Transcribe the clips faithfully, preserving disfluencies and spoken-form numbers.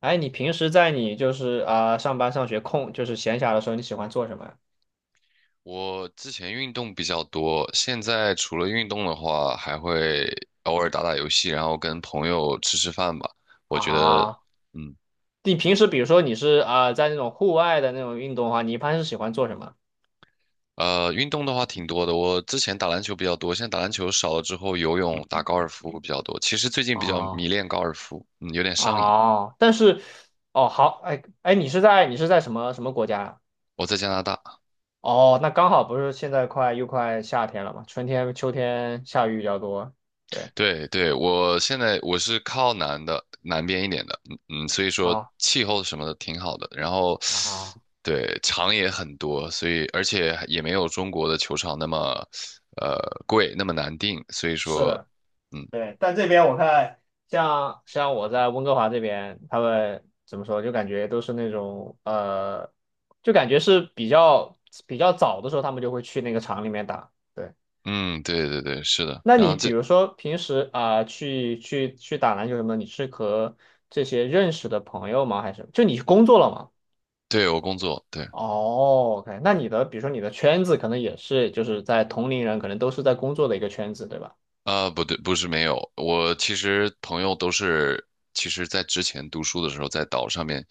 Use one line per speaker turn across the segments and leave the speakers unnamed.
哎，你平时在你就是啊、呃上班上学空就是闲暇的时候，你喜欢做什么呀？
我之前运动比较多，现在除了运动的话，还会偶尔打打游戏，然后跟朋友吃吃饭吧。我觉得，
啊，
嗯，
你平时比如说你是啊、呃在那种户外的那种运动的话，你一般是喜欢做什么？
呃，运动的话挺多的。我之前打篮球比较多，现在打篮球少了之后，游泳、打高尔夫比较多。其实最近比较迷
啊
恋高尔夫，嗯，有点上瘾。
啊，但是哦，好。哎哎，你是在你是在什么什么国家呀？
我在加拿大。
哦，那刚好不是现在快又快夏天了嘛，春天秋天下雨比较多。对
对对，我现在我是靠南的，南边一点的，嗯嗯，所以说
啊
气候什么的挺好的，然后
啊，
对场也很多，所以而且也没有中国的球场那么呃贵，那么难订，所以
是
说
的。
嗯
对，但这边我看像像我在温哥华这边，他们怎么说，就感觉都是那种呃，就感觉是比较比较早的时候，他们就会去那个厂里面打。对，
嗯，对对对，是的，
那
然
你
后
比
这
如说平时啊、去去去打篮球什么的，你是和这些认识的朋友吗？还是就你工作了吗？
对我工作对。
哦，OK。那你的比如说你的圈子可能也是就是在同龄人，可能都是在工作的一个圈子，对吧？
啊，不对，不是没有，我其实朋友都是，其实在之前读书的时候，在岛上面，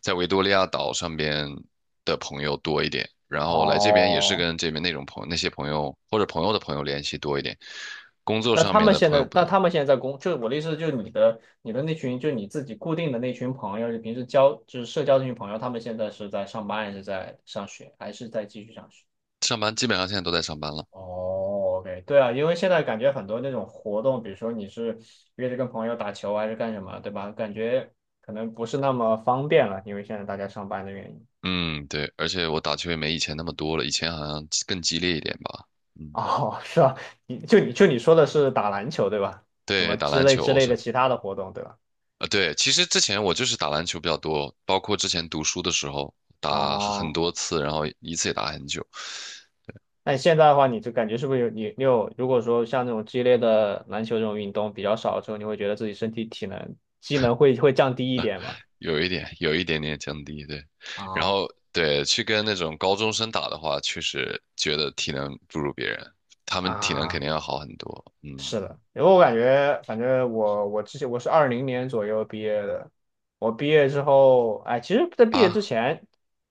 在维多利亚岛上边的朋友多一点，然后来这边也是
哦，
跟这边那种朋友、那些朋友或者朋友的朋友联系多一点，工作
那
上
他
面
们
的
现
朋友
在，
不
那
多，
他们现在在工，就是我的意思，就是你的你的那群，就你自己固定的那群朋友，就平时交就是社交这群朋友，他们现在是在上班，还是在上学，还是在继续上学？
上班基本上现在都在上班了。
哦，OK,对啊。因为现在感觉很多那种活动，比如说你是约着跟朋友打球还是干什么，对吧？感觉可能不是那么方便了，因为现在大家上班的原因。
嗯，对，而且我打球也没以前那么多了，以前好像更激烈一点吧。嗯，
哦，是啊。你就你就你说的是打篮球，对吧？什
对，
么
打
之
篮
类
球，
之
我
类
说
的其他的活动，对吧？
啊，对，其实之前我就是打篮球比较多，包括之前读书的时候打很
哦。
多次，然后一次也打很久，
那你现在的话，你就感觉是不是有你你有，如果说像那种激烈的篮球这种运动比较少的时候，你会觉得自己身体体能机能会会降低一点吗？
有一点有一点点降低，对。然
啊
后对，去跟那种高中生打的话，确实觉得体能不如别人，他们体能肯
啊，
定要好很多。嗯
是的。因为我感觉，反正我我之前我是二零年左右毕业的，我毕业之后。哎，其实在毕业之
啊，
前，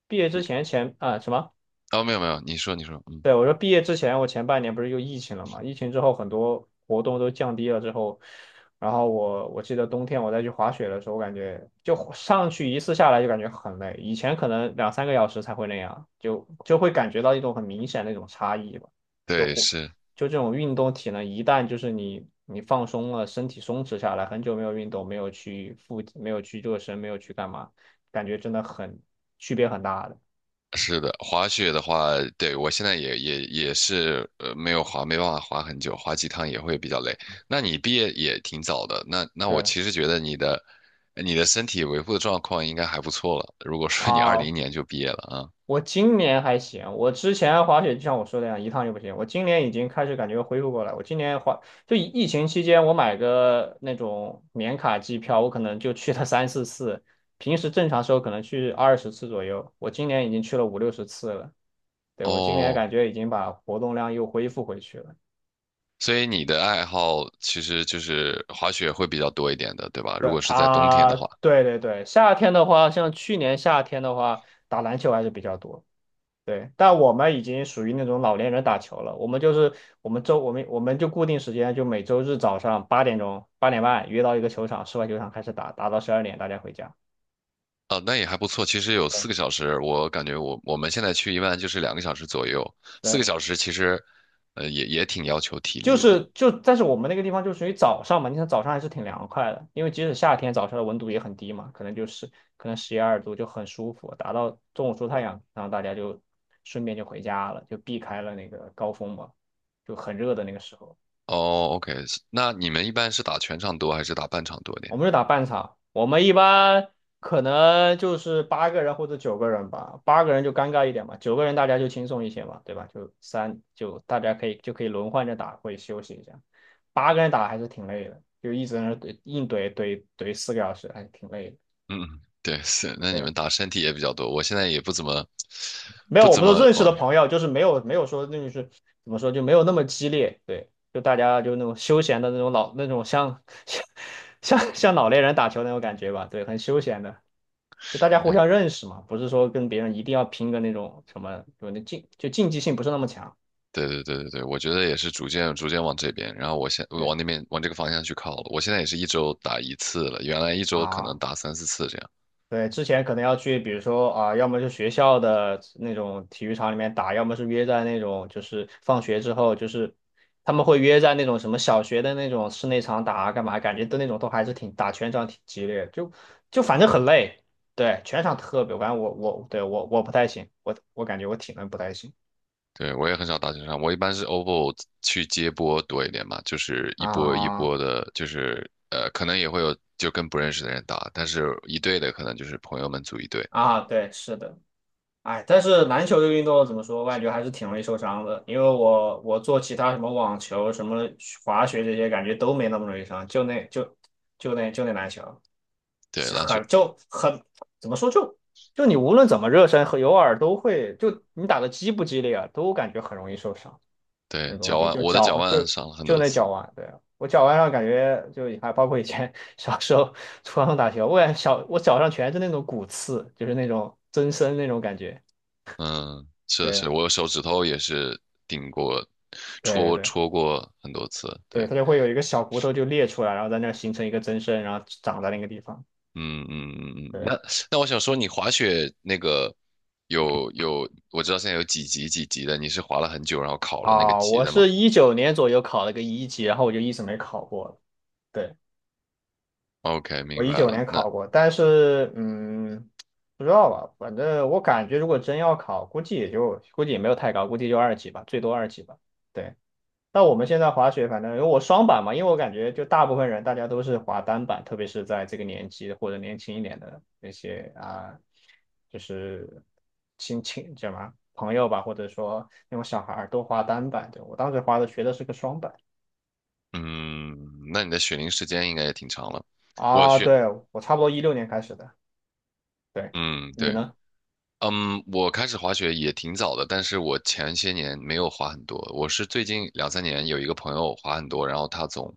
毕业之前前啊、什么？
哦，没有没有，你说你说，嗯，
对，我说毕业之前，我前半年不是又疫情了嘛？疫情之后，很多活动都降低了之后，然后我我记得冬天我再去滑雪的时候，我感觉就上去一次下来就感觉很累，以前可能两三个小时才会那样，就就会感觉到一种很明显的一种差异吧。就
对，
活
是。
就这种运动体能，一旦就是你你放松了，身体松弛下来，很久没有运动，没有去复，没有去热身，没有去干嘛，感觉真的很区别很大的。
是的，滑雪的话，对，我现在也也也是呃没有滑，没办法滑很久，滑几趟也会比较累。那你毕业也挺早的，那那我
对
其实觉得你的你的身体维护的状况应该还不错了。如果说你二零
啊，
年就毕业了
我今年还行，我之前滑雪就像我说的那样，一趟就不行。我今年已经开始感觉恢复过来。我今年滑，就疫疫情期间，我买个那种年卡机票，我可能就去了三四次，平时正常时候可能去二十次左右。我今年已经去了五六十次了。对，
啊，
我今年
哦，
感觉已经把活动量又恢复回去了。
所以你的爱好其实就是滑雪会比较多一点的，对吧？如
对
果是在冬天的
啊，
话，
对对对，夏天的话，像去年夏天的话，打篮球还是比较多。对，但我们已经属于那种老年人打球了。我们就是我们周我们我们就固定时间，就每周日早上八点钟八点半约到一个球场，室外球场开始打，打到十二点大家回家。
啊，那也还不错。其实有
对
四个小时，我感觉我我们现在去一般就是两个小时左右，四个
对，
小时其实。呃，也也挺要求体
就
力的。
是就但是我们那个地方就属于早上嘛，你看早上还是挺凉快的，因为即使夏天早上的温度也很低嘛，可能就是可能十一二度就很舒服，打到中午出太阳，然后大家就顺便就回家了，就避开了那个高峰嘛，就很热的那个时候。
哦，OK,是那你们一般是打全场多还是打半场多点？
我们是打半场，我们一般可能就是八个人或者九个人吧，八个人就尴尬一点嘛，九个人大家就轻松一些嘛，对吧？就三就大家可以就可以轮换着打，会休息一下。八个人打还是挺累的，就一直在那怼硬怼怼怼四个小时，还是挺累的。
嗯，对，是，那你们
对，
打身体也比较多。我现在也不怎么，
没
不
有我
怎
们都
么
认识
往，
的朋友，就是没有没有说那就是怎么说就没有那么激烈。对，就大家就那种休闲的那种老那种像 像像老年人打球那种感觉吧，对，很休闲的。就大家互
对，
相认识嘛，不是说跟别人一定要拼个那种什么，就那竞就竞技性不是那么强。
对对对对对，我觉得也是逐渐逐渐往这边，然后我现
对
往那边往这个方向去靠了。我现在也是一周打一次了，原来一周可能
啊，
打三四次这样。
对，之前可能要去，比如说啊，要么就学校的那种体育场里面打，要么是约在那种就是放学之后，就是他们会约在那种什么小学的那种室内场打啊，干嘛？感觉都那种都还是挺打全场挺激烈的，就就反正很累。对，全场特别，反正我我对我我不太行，我我感觉我体能不太行。
对，我也很少打全场，我一般是 O V O 去接波多一点嘛，就是一波一
啊
波的，就是呃，可能也会有就跟不认识的人打，但是一队的可能就是朋友们组一队。
啊，对，是的。哎，但是篮球这个运动怎么说，我感觉还是挺容易受伤的。因为我我做其他什么网球、什么滑雪这些，感觉都没那么容易伤，就那就就那就那篮球，
对，
是
篮球。
很就很怎么说，就就你无论怎么热身和有耳都会，就你打的激不激烈啊，都感觉很容易受伤。
对，
那东
脚
西
腕，
就
我的脚
脚
腕
就
伤了很
就
多
那脚
次。
腕，对啊我脚腕上感觉就还包括以前 小时候 初高中打球，我感觉小我脚上全是那种骨刺，就是那种增生那种感觉。
嗯，是的，是
对
的，我手指头也是顶过、
对对
戳
对
戳过很多次。对，
对，它就会有一个小骨头就裂出来，然后在那儿形成一个增生，然后长在那个地方。
嗯嗯嗯嗯。
对
那那我想说，你滑雪那个有有，我知道现在有几级几级的，你是滑了很久，然后考了那个
啊，
级
我
的吗
是一九年左右考了个一级，然后我就一直没考过了。对，
？OK,
我
明白
一九
了。
年
那
考过，但是嗯，不知道吧，反正我感觉如果真要考，估计也就估计也没有太高，估计就二级吧，最多二级吧。对，那我们现在滑雪，反正因为我双板嘛，因为我感觉就大部分人大家都是滑单板，特别是在这个年纪或者年轻一点的那些啊、就是亲戚叫什么朋友吧，或者说那种小孩儿都滑单板。对，我当时滑的学的是个双板。
嗯，那你的雪龄时间应该也挺长了。我
啊，
学，
对，我差不多一六年开始的。对，
嗯，
你
对。
呢？
嗯，我开始滑雪也挺早的，但是我前些年没有滑很多。我是最近两三年有一个朋友滑很多，然后他总，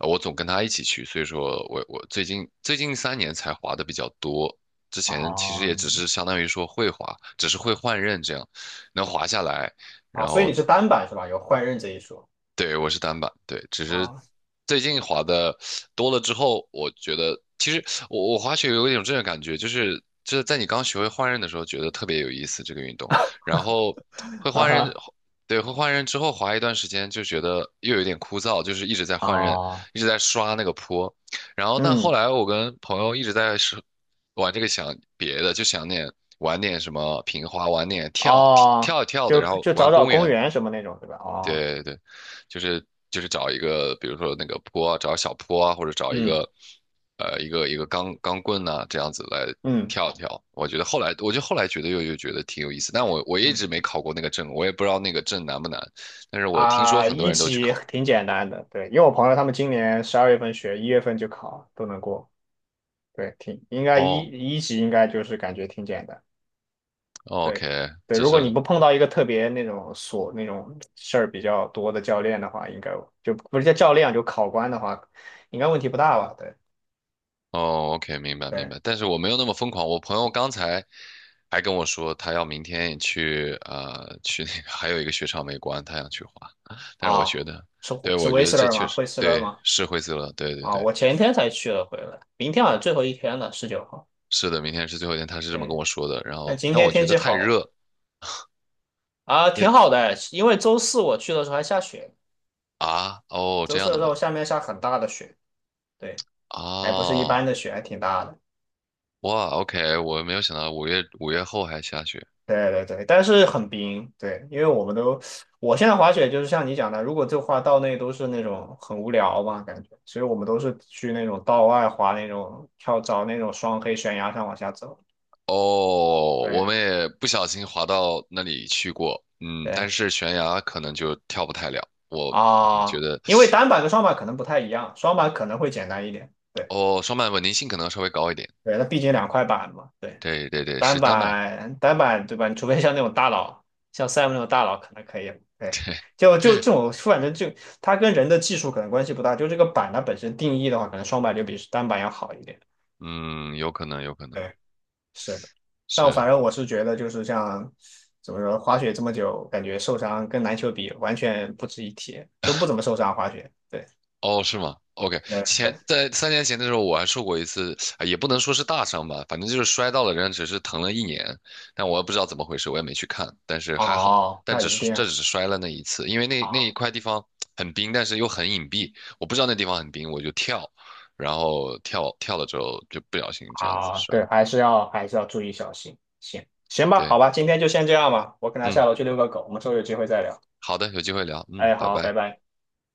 呃我总跟他一起去，所以说我我最近最近三年才滑的比较多。之前其实也
啊
只是相当于说会滑，只是会换刃这样，能滑下来，
啊，
然
所以你
后
是单板是吧？有换刃这一说。
对，我是单板，对，只是
啊
最近滑的多了之后，我觉得其实我我滑雪有一种这种感觉，就是就是在你刚学会换刃的时候，觉得特别有意思这个运动，然后会
啊
换刃，
哈
对，会换刃之后滑一段时间就觉得又有点枯燥，就是一直在换刃，
啊。
一直在刷那个坡，然后但后
嗯。
来我跟朋友一直在是玩这个想别的，就想点玩点什么平滑，玩点跳
哦，
跳一跳的，
就
然后
就
玩
找找
公
公
园。
园什么那种对吧？哦。
对对对，就是就是找一个，比如说那个坡啊，找小坡啊，或者找一
嗯
个，呃，一个一个钢钢棍呐、这样子来
嗯
跳一跳。我觉得后来，我就后来觉得又又觉得挺有意思，但我我一
嗯。
直没考过那个证，我也不知道那个证难不难，但是我听说
啊，
很多
一
人都去
级
考。
挺简单的。对，因为我朋友他们今年十二月份学，一月份就考，都能过。对，挺应该一
哦
一级应该就是感觉挺简单。对
，OK,
对，
这
如果你
是
不碰到一个特别那种琐那种事儿比较多的教练的话，应该就不是叫教练就考官的话，应该问题不大吧？对
哦，OK,明白明
对
白，但是我没有那么疯狂。我朋友刚才还跟我说，他要明天去呃去那个 还有一个雪场没关，他想去滑。但是我
啊，
觉得，
是
对，
是
我觉
威
得
斯
这
勒
确
吗？
实
惠斯勒
对
吗？
是灰色了，对对
啊，
对，
我前天才去了回来，明天好像最后一天了，十九号。
是的，明天是最后一天，他是这么跟
对，
我说的。然
那
后，
今
但
天
我觉
天
得
气
太
好。
热，
啊，挺
那
好的，因为周四我去的时候还下雪，
啊哦这
周四
样
的
的
时候
吗？
下面下很大的雪。对，还不是一般
哦
的雪，还挺大的。
哇，OK,我没有想到五月五月后还下雪，
对对对，但是很冰。对，因为我们都，我现在滑雪就是像你讲的，如果就滑道内都是那种很无聊嘛，感觉，所以我们都是去那种道外滑那种跳找那种双黑悬崖上往下走。
哦，我
对
们也不小心滑到那里去过，嗯，但
对
是悬崖可能就跳不太了。我我觉
啊，
得，
因为单板跟双板可能不太一样，双板可能会简单一点。对
哦，双板稳定性可能稍微高一点。
对，那毕竟两块板嘛。对。
对对对，
单
是单板，
板单板对吧？你除非像那种大佬，像 Sam 那种大佬可能可以。对，
对，
就就这种，反正就它跟人的技术可能关系不大，就这个板它本身定义的话，可能双板就比单板要好一点。
嗯，有可能，有可能
对，是的。但我
是。
反正我是觉得，就是像怎么说，滑雪这么久，感觉受伤跟篮球比完全不值一提，都不怎么受伤滑雪。对，
哦，是吗？OK,
嗯，
前在三年前的时候，我还受过一次，啊也不能说是大伤吧，反正就是摔到了，人家只是疼了一年，但我也不知道怎么回事，我也没去看，但是还好，
哦，
但
那
只
一
是
定
这只
啊。
是摔了那一次，因为那那一
哦。
块地方很冰，但是又很隐蔽，我不知道那地方很冰，我就跳，然后跳跳了之后就不小心这样子
啊，
摔上
对，还是要还是要注意小心。行行吧，
对，
好吧，今天就先这样吧，我可能
嗯，
下楼去遛个狗，我们之后有机会再聊。
好的，有机会聊，嗯，
哎，
拜
好，拜
拜。
拜。